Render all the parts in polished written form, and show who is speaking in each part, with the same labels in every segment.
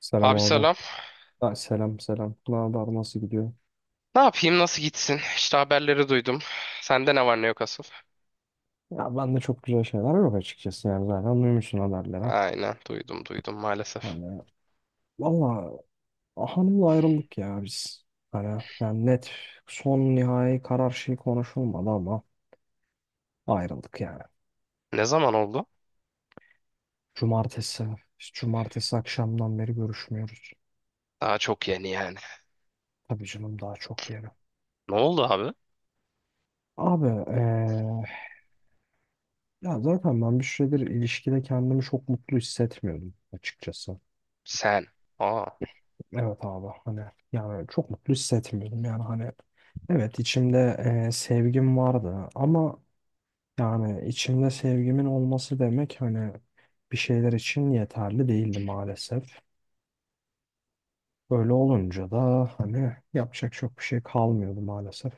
Speaker 1: Selam
Speaker 2: Abi
Speaker 1: abi.
Speaker 2: selam.
Speaker 1: Ha, selam selam. Ne haber nasıl gidiyor?
Speaker 2: Ne yapayım? Nasıl gitsin? İşte haberleri duydum. Sende ne var ne yok asıl?
Speaker 1: Ya ben de çok güzel şeyler yok açıkçası yani zaten duymuşsun haberlere.
Speaker 2: Aynen, duydum maalesef.
Speaker 1: Hani valla hanımla ayrıldık ya biz. Hani yani net son nihai karar şey konuşulmadı ama ayrıldık yani.
Speaker 2: Ne zaman oldu?
Speaker 1: Cumartesi, biz cumartesi akşamdan beri görüşmüyoruz.
Speaker 2: Daha çok yeni yani.
Speaker 1: Tabii canım daha çok yeri.
Speaker 2: Ne oldu abi?
Speaker 1: Abi, ya zaten ben bir süredir ilişkide kendimi çok mutlu hissetmiyordum açıkçası.
Speaker 2: Sen. Aa.
Speaker 1: Evet abi hani yani çok mutlu hissetmiyordum yani hani evet içimde sevgim vardı ama yani içimde sevgimin olması demek hani bir şeyler için yeterli değildi maalesef. Böyle olunca da hani yapacak çok bir şey kalmıyordu maalesef.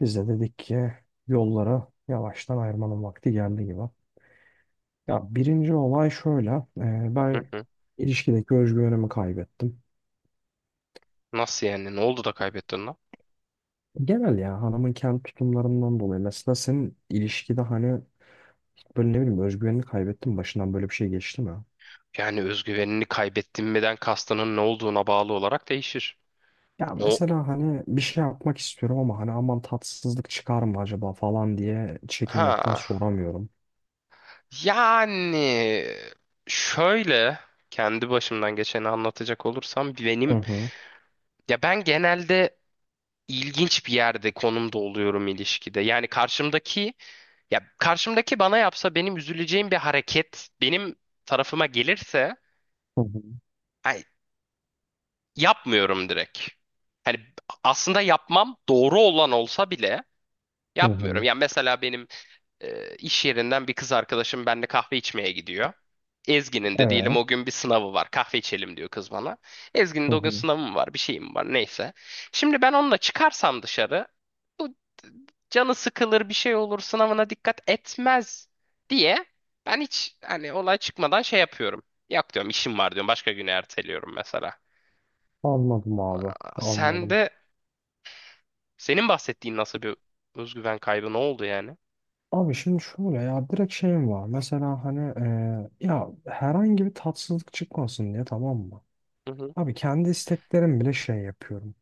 Speaker 1: Biz de dedik ki yollara yavaştan ayırmanın vakti geldi gibi. Ya birinci olay şöyle,
Speaker 2: Hı
Speaker 1: ben
Speaker 2: hı.
Speaker 1: ilişkideki özgüvenimi kaybettim.
Speaker 2: Nasıl yani? Ne oldu da kaybettin lan?
Speaker 1: Genel ya hanımın kendi tutumlarından dolayı. Mesela senin ilişkide hani böyle ne bileyim özgüvenini kaybettin mi? Başından böyle bir şey geçti mi?
Speaker 2: Yani özgüvenini kaybettin miden kastının ne olduğuna bağlı olarak değişir.
Speaker 1: Ya
Speaker 2: No.
Speaker 1: mesela hani bir şey yapmak istiyorum ama hani aman tatsızlık çıkar mı acaba falan diye çekinmekten
Speaker 2: Ha.
Speaker 1: soramıyorum.
Speaker 2: Yani şöyle, kendi başımdan geçeni anlatacak olursam
Speaker 1: Hı
Speaker 2: benim
Speaker 1: hı.
Speaker 2: ya ben genelde ilginç bir yerde, konumda oluyorum ilişkide. Yani karşımdaki bana yapsa benim üzüleceğim bir hareket benim tarafıma gelirse,
Speaker 1: Hı hı.
Speaker 2: ay, yapmıyorum direkt. Hani aslında yapmam doğru olan olsa bile
Speaker 1: Hı
Speaker 2: yapmıyorum.
Speaker 1: hı.
Speaker 2: Yani mesela benim iş yerinden bir kız arkadaşım benimle kahve içmeye gidiyor. Ezgi'nin de diyelim
Speaker 1: Evet.
Speaker 2: o gün bir sınavı var. Kahve içelim diyor kız bana. Ezgi'nin
Speaker 1: Hı
Speaker 2: de o gün
Speaker 1: hı.
Speaker 2: sınavı mı var, bir şeyim var, neyse. Şimdi ben onunla çıkarsam dışarı, bu canı sıkılır, bir şey olur, sınavına dikkat etmez diye ben hiç hani olay çıkmadan şey yapıyorum. Yok diyorum, işim var diyorum, başka güne erteliyorum mesela.
Speaker 1: Anladım abi.
Speaker 2: Aa, sen
Speaker 1: Anladım.
Speaker 2: de senin bahsettiğin nasıl bir özgüven kaybı, ne oldu yani?
Speaker 1: Abi şimdi şöyle ya direkt şeyim var. Mesela hani, ya herhangi bir tatsızlık çıkmasın diye tamam mı?
Speaker 2: Hı hı.
Speaker 1: Abi kendi isteklerim bile şey yapıyorum,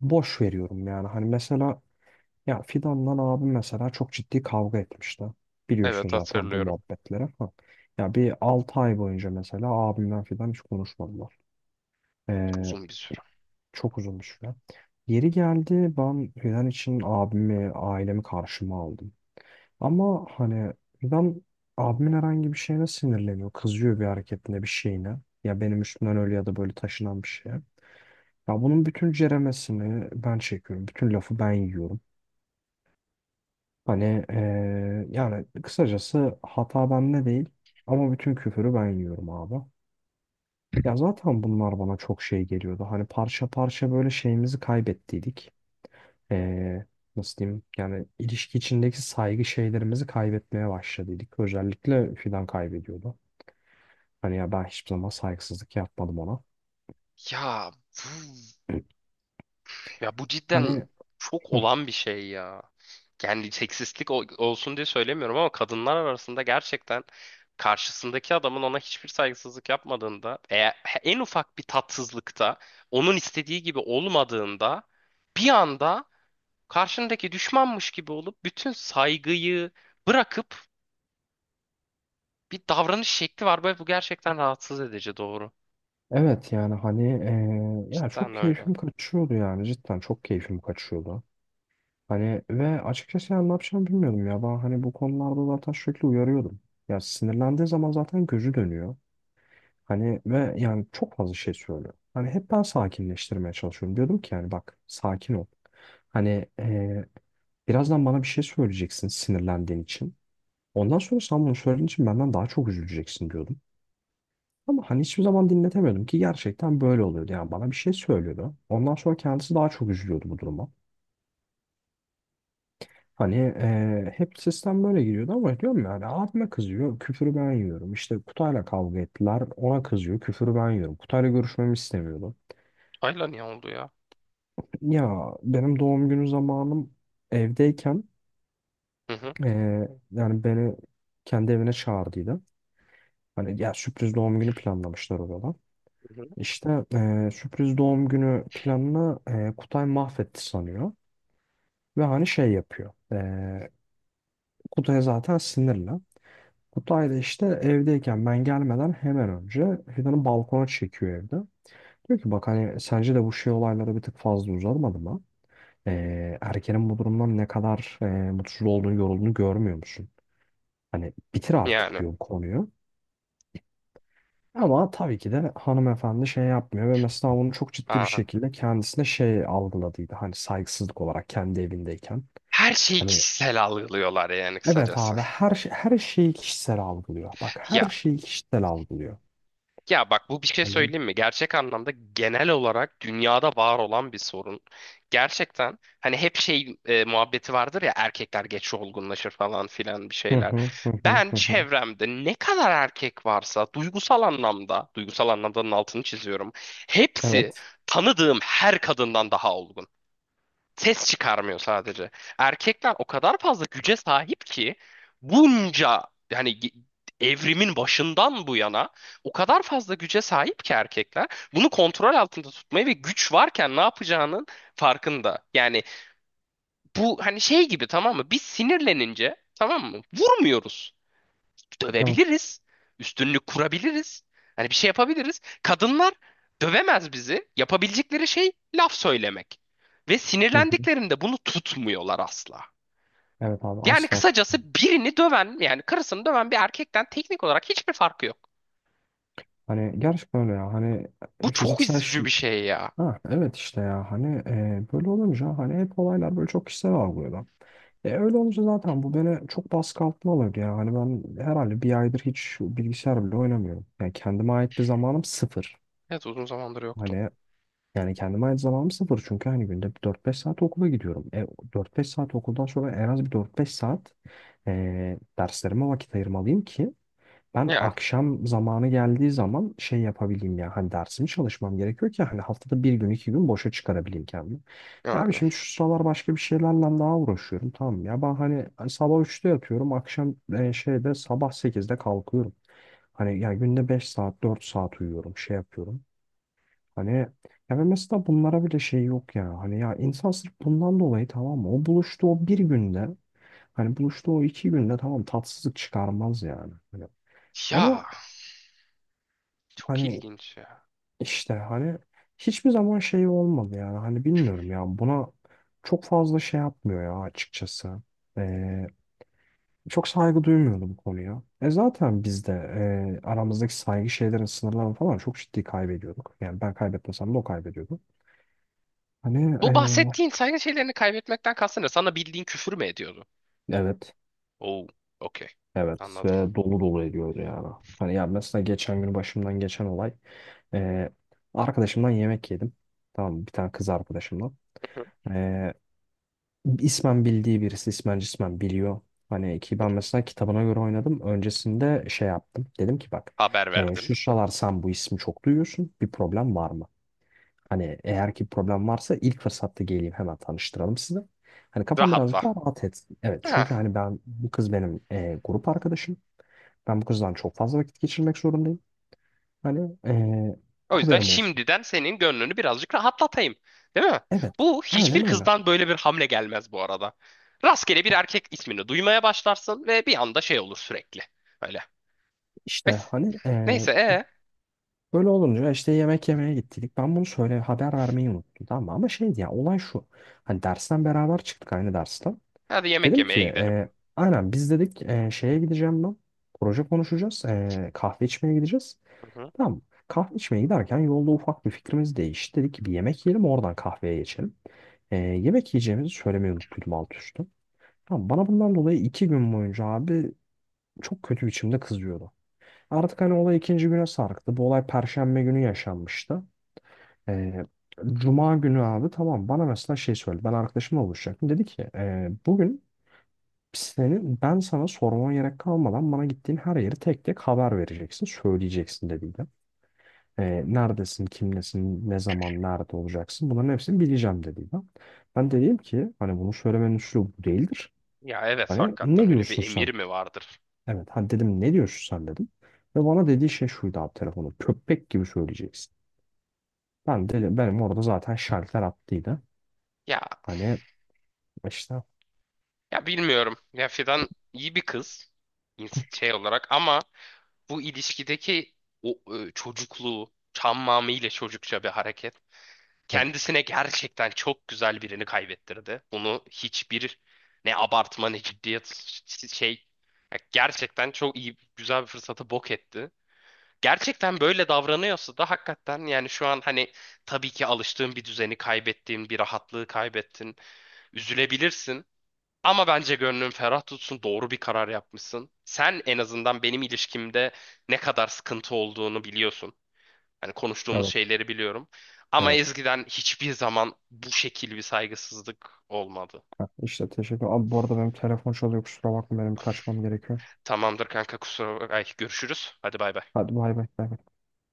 Speaker 1: boş veriyorum yani. Hani mesela ya Fidan'la abim mesela çok ciddi kavga etmişti. Biliyorsun
Speaker 2: Evet,
Speaker 1: zaten bu
Speaker 2: hatırlıyorum.
Speaker 1: muhabbetleri. Ha. Ya bir 6 ay boyunca mesela abimden Fidan hiç konuşmadılar. Ee,
Speaker 2: Uzun bir süre.
Speaker 1: çok uzun bir süre. Yeri geldi ben Fidan için abimi, ailemi karşıma aldım. Ama hani Fidan abimin herhangi bir şeyine sinirleniyor. Kızıyor bir hareketine, bir şeyine. Ya benim üstümden öyle ya da böyle taşınan bir şeye. Ya bunun bütün ceremesini ben çekiyorum. Bütün lafı ben yiyorum. Hani, yani kısacası hata bende değil ama bütün küfürü ben yiyorum abi. Ya zaten bunlar bana çok şey geliyordu. Hani parça parça böyle şeyimizi kaybettiydik. Eee, nasıl diyeyim? Yani ilişki içindeki saygı şeylerimizi kaybetmeye başladıydık. Özellikle Fidan kaybediyordu. Hani ya ben hiçbir zaman saygısızlık yapmadım ona.
Speaker 2: Ya bu, ya bu cidden
Speaker 1: Hani
Speaker 2: çok
Speaker 1: hı,
Speaker 2: olan bir şey ya. Yani seksistlik olsun diye söylemiyorum ama kadınlar arasında gerçekten, karşısındaki adamın ona hiçbir saygısızlık yapmadığında, eğer en ufak bir tatsızlıkta onun istediği gibi olmadığında, bir anda karşındaki düşmanmış gibi olup bütün saygıyı bırakıp bir davranış şekli var. Böyle bu gerçekten rahatsız edici, doğru.
Speaker 1: evet yani hani, ya çok
Speaker 2: Cidden öyle.
Speaker 1: keyfim kaçıyordu yani cidden çok keyfim kaçıyordu. Hani ve açıkçası yani ne yapacağımı bilmiyordum ya. Ben hani bu konularda zaten sürekli uyarıyordum. Ya sinirlendiği zaman zaten gözü dönüyor. Hani ve yani çok fazla şey söylüyor. Hani hep ben sakinleştirmeye çalışıyorum. Diyordum ki yani bak sakin ol. Hani, birazdan bana bir şey söyleyeceksin sinirlendiğin için. Ondan sonra sen bunu söylediğin için benden daha çok üzüleceksin diyordum. Ama hani hiçbir zaman dinletemiyordum ki gerçekten böyle oluyordu. Yani bana bir şey söylüyordu. Ondan sonra kendisi daha çok üzülüyordu bu duruma. Hani, hep sistem böyle gidiyordu ama diyorum yani abime kızıyor, küfürü ben yiyorum. İşte Kutay'la kavga ettiler, ona kızıyor, küfürü ben yiyorum. Kutay'la görüşmemi istemiyordu.
Speaker 2: Ayla niye oldu ya?
Speaker 1: Ya benim doğum günü zamanım evdeyken
Speaker 2: Hı hı.
Speaker 1: eee, yani beni kendi evine çağırdıydı. Hani ya sürpriz doğum günü planlamışlar orada.
Speaker 2: Hı hı.
Speaker 1: İşte, sürpriz doğum günü planını Kutay mahvetti sanıyor. Ve hani şey yapıyor. Kutay zaten sinirli. Kutay da işte evdeyken ben gelmeden hemen önce Fidan'ı balkona çekiyor evde. Diyor ki bak hani sence de bu şey olayları bir tık fazla uzatmadı mı? Erkenin bu durumdan ne kadar mutsuz olduğunu, yorulduğunu görmüyor musun? Hani bitir artık
Speaker 2: Yani.
Speaker 1: diyor bu konuyu. Ama tabii ki de hanımefendi şey yapmıyor ve mesela bunu çok ciddi bir
Speaker 2: Aa.
Speaker 1: şekilde kendisine şey algıladıydı. Hani saygısızlık olarak kendi evindeyken.
Speaker 2: Her şeyi
Speaker 1: Hani
Speaker 2: kişisel algılıyorlar yani
Speaker 1: evet
Speaker 2: kısacası.
Speaker 1: abi her şeyi kişisel algılıyor. Bak her
Speaker 2: Ya
Speaker 1: şeyi kişisel algılıyor.
Speaker 2: ya bak, bu bir şey söyleyeyim mi? Gerçek anlamda genel olarak dünyada var olan bir sorun. Gerçekten hani hep şey, muhabbeti vardır ya, erkekler geç olgunlaşır falan filan bir
Speaker 1: Hı
Speaker 2: şeyler.
Speaker 1: hı hı hı
Speaker 2: Ben
Speaker 1: hı hı.
Speaker 2: çevremde ne kadar erkek varsa duygusal anlamda, duygusal anlamdanın altını çiziyorum. Hepsi
Speaker 1: Evet.
Speaker 2: tanıdığım her kadından daha olgun. Ses çıkarmıyor sadece. Erkekler o kadar fazla güce sahip ki, bunca yani evrimin başından bu yana o kadar fazla güce sahip ki erkekler, bunu kontrol altında tutmayı ve güç varken ne yapacağının farkında. Yani bu hani şey gibi, tamam mı? Biz sinirlenince, tamam mı, vurmuyoruz,
Speaker 1: Evet.
Speaker 2: dövebiliriz. Üstünlük kurabiliriz. Hani bir şey yapabiliriz. Kadınlar dövemez bizi. Yapabilecekleri şey laf söylemek. Ve
Speaker 1: Hı hı.
Speaker 2: sinirlendiklerinde bunu tutmuyorlar asla.
Speaker 1: Evet abi
Speaker 2: Yani
Speaker 1: asla.
Speaker 2: kısacası birini döven, yani karısını döven bir erkekten teknik olarak hiçbir farkı yok.
Speaker 1: Hani gerçekten öyle ya. Hani
Speaker 2: Bu
Speaker 1: e,
Speaker 2: çok
Speaker 1: fiziksel
Speaker 2: üzücü
Speaker 1: şey.
Speaker 2: bir şey ya.
Speaker 1: Ha evet işte ya. Hani, böyle olunca hani hep olaylar böyle çok kişisel algılıyorlar. Öyle olunca zaten bu beni çok baskı altına alıyor ya. Hani ben herhalde bir aydır hiç bilgisayar bile oynamıyorum. Yani kendime ait bir zamanım sıfır.
Speaker 2: Evet, uzun zamandır yoktu.
Speaker 1: Hani yani kendime ait zamanım sıfır. Çünkü hani günde bir dört beş saat okula gidiyorum. 4-5 saat okuldan sonra en az bir dört beş saat, derslerime vakit ayırmalıyım ki ben
Speaker 2: Yani,
Speaker 1: akşam zamanı geldiği zaman şey yapabileyim ya hani dersimi çalışmam gerekiyor ki hani haftada bir gün iki gün boşa çıkarabileyim kendimi. Ya abi
Speaker 2: yani.
Speaker 1: şimdi şu sıralar başka bir şeylerle daha uğraşıyorum tamam mı? Ya ben hani sabah üçte yatıyorum akşam şeyde sabah sekizde kalkıyorum. Hani ya günde 5 saat 4 saat uyuyorum şey yapıyorum. Hani ya ve mesela bunlara bile şey yok ya hani ya insan sırf bundan dolayı tamam mı o buluştu o bir günde hani buluştu o iki günde tamam tatsızlık çıkarmaz yani. Hani
Speaker 2: Ya
Speaker 1: ama
Speaker 2: çok
Speaker 1: hani
Speaker 2: ilginç ya.
Speaker 1: işte hani hiçbir zaman şey olmadı yani hani bilmiyorum ya buna çok fazla şey yapmıyor ya açıkçası. Ee, çok saygı duymuyordu bu konuya. E zaten biz de, aramızdaki saygı şeylerin sınırlarını falan çok ciddi kaybediyorduk. Yani ben kaybetmesem de o kaybediyordu. Hani
Speaker 2: Bu bahsettiğin saygı şeylerini kaybetmekten kastın ne? Sana bildiğin küfür mü ediyordu?
Speaker 1: e, evet
Speaker 2: Oo, okey.
Speaker 1: evet
Speaker 2: Anladım.
Speaker 1: ve dolu dolu ediyordu yani. Hani ya mesela geçen gün başımdan geçen olay e, arkadaşımdan yemek yedim. Tamam mı? Bir tane kız arkadaşımdan. İsmen bildiği birisi ismen cismen biliyor. Hani ki ben mesela kitabına göre oynadım. Öncesinde şey yaptım. Dedim ki bak
Speaker 2: Haber
Speaker 1: e,
Speaker 2: verdin.
Speaker 1: şu sıralar sen bu ismi çok duyuyorsun. Bir problem var mı? Hani eğer ki problem varsa ilk fırsatta geleyim hemen tanıştıralım sizi. Hani kafam
Speaker 2: Rahatla.
Speaker 1: birazcık daha rahat etsin. Evet
Speaker 2: Ha.
Speaker 1: çünkü hani ben bu kız benim grup arkadaşım. Ben bu kızdan çok fazla vakit geçirmek zorundayım. Hani,
Speaker 2: O yüzden
Speaker 1: haberim olsun.
Speaker 2: şimdiden senin gönlünü birazcık rahatlatayım. Değil mi?
Speaker 1: Evet
Speaker 2: Bu hiçbir
Speaker 1: aynen öyle.
Speaker 2: kızdan böyle bir hamle gelmez bu arada. Rastgele bir erkek ismini duymaya başlarsın ve bir anda şey olur sürekli. Öyle.
Speaker 1: İşte
Speaker 2: Neyse,
Speaker 1: hani e,
Speaker 2: neyse
Speaker 1: böyle olunca işte yemek yemeye gittik. Ben bunu söyle haber vermeyi unuttum tamam mı? Ama şeydi ya olay şu. Hani dersten beraber çıktık aynı dersten.
Speaker 2: hadi yemek
Speaker 1: Dedim ki
Speaker 2: yemeye gidelim.
Speaker 1: e, aynen biz dedik, şeye gideceğim ben. Proje konuşacağız. E, kahve içmeye gideceğiz.
Speaker 2: Hı hı.
Speaker 1: Tamam mı? Kahve içmeye giderken yolda ufak bir fikrimiz değişti. Dedik ki bir yemek yiyelim oradan kahveye geçelim. E, yemek yiyeceğimizi söylemeyi unuttum alt üstü. Tamam, bana bundan dolayı iki gün boyunca abi çok kötü biçimde kızıyordu. Artık hani olay ikinci güne sarktı. Bu olay Perşembe günü yaşanmıştı. Ee, Cuma günü abi tamam bana mesela şey söyledi. Ben arkadaşımla buluşacaktım. Dedi ki bugün senin ben sana sormama gerek kalmadan bana gittiğin her yeri tek tek haber vereceksin. Söyleyeceksin" dediydi. Neredesin, kimlesin, ne zaman, nerede olacaksın bunların hepsini bileceğim dediydi. Ben dedim ki hani bunu söylemenin üslubu bu değildir.
Speaker 2: Ya evet,
Speaker 1: Hani
Speaker 2: hakikaten
Speaker 1: ne
Speaker 2: öyle bir
Speaker 1: diyorsun sen?
Speaker 2: emir mi vardır?
Speaker 1: Evet hani dedim ne diyorsun sen dedim. Ve bana dediği şey şuydu abi telefonu köpek gibi söyleyeceksin. Ben de benim orada zaten şalter attıydı.
Speaker 2: Ya
Speaker 1: Hani İşte.
Speaker 2: ya bilmiyorum. Ya Fidan iyi bir kız, şey olarak, ama bu ilişkideki o çocukluğu, çammamı ile çocukça bir hareket.
Speaker 1: Evet.
Speaker 2: Kendisine gerçekten çok güzel birini kaybettirdi. Bunu hiçbir, ne abartma ne ciddiyet, şey, ya gerçekten çok iyi güzel bir fırsatı bok etti. Gerçekten böyle davranıyorsa da hakikaten, yani şu an hani tabii ki alıştığın bir düzeni, kaybettiğin bir rahatlığı kaybettin. Üzülebilirsin ama bence gönlün ferah tutsun, doğru bir karar yapmışsın. Sen en azından benim ilişkimde ne kadar sıkıntı olduğunu biliyorsun. Hani konuştuğumuz
Speaker 1: Evet.
Speaker 2: şeyleri biliyorum. Ama
Speaker 1: Evet.
Speaker 2: Ezgi'den hiçbir zaman bu şekil bir saygısızlık olmadı.
Speaker 1: Ha, işte teşekkür. Abi bu arada benim telefon çalıyor. Kusura bakma benim kaçmam gerekiyor.
Speaker 2: Tamamdır kanka, kusura bak. Ay, görüşürüz. Hadi bay bay.
Speaker 1: Hadi bay bay. Bay bay.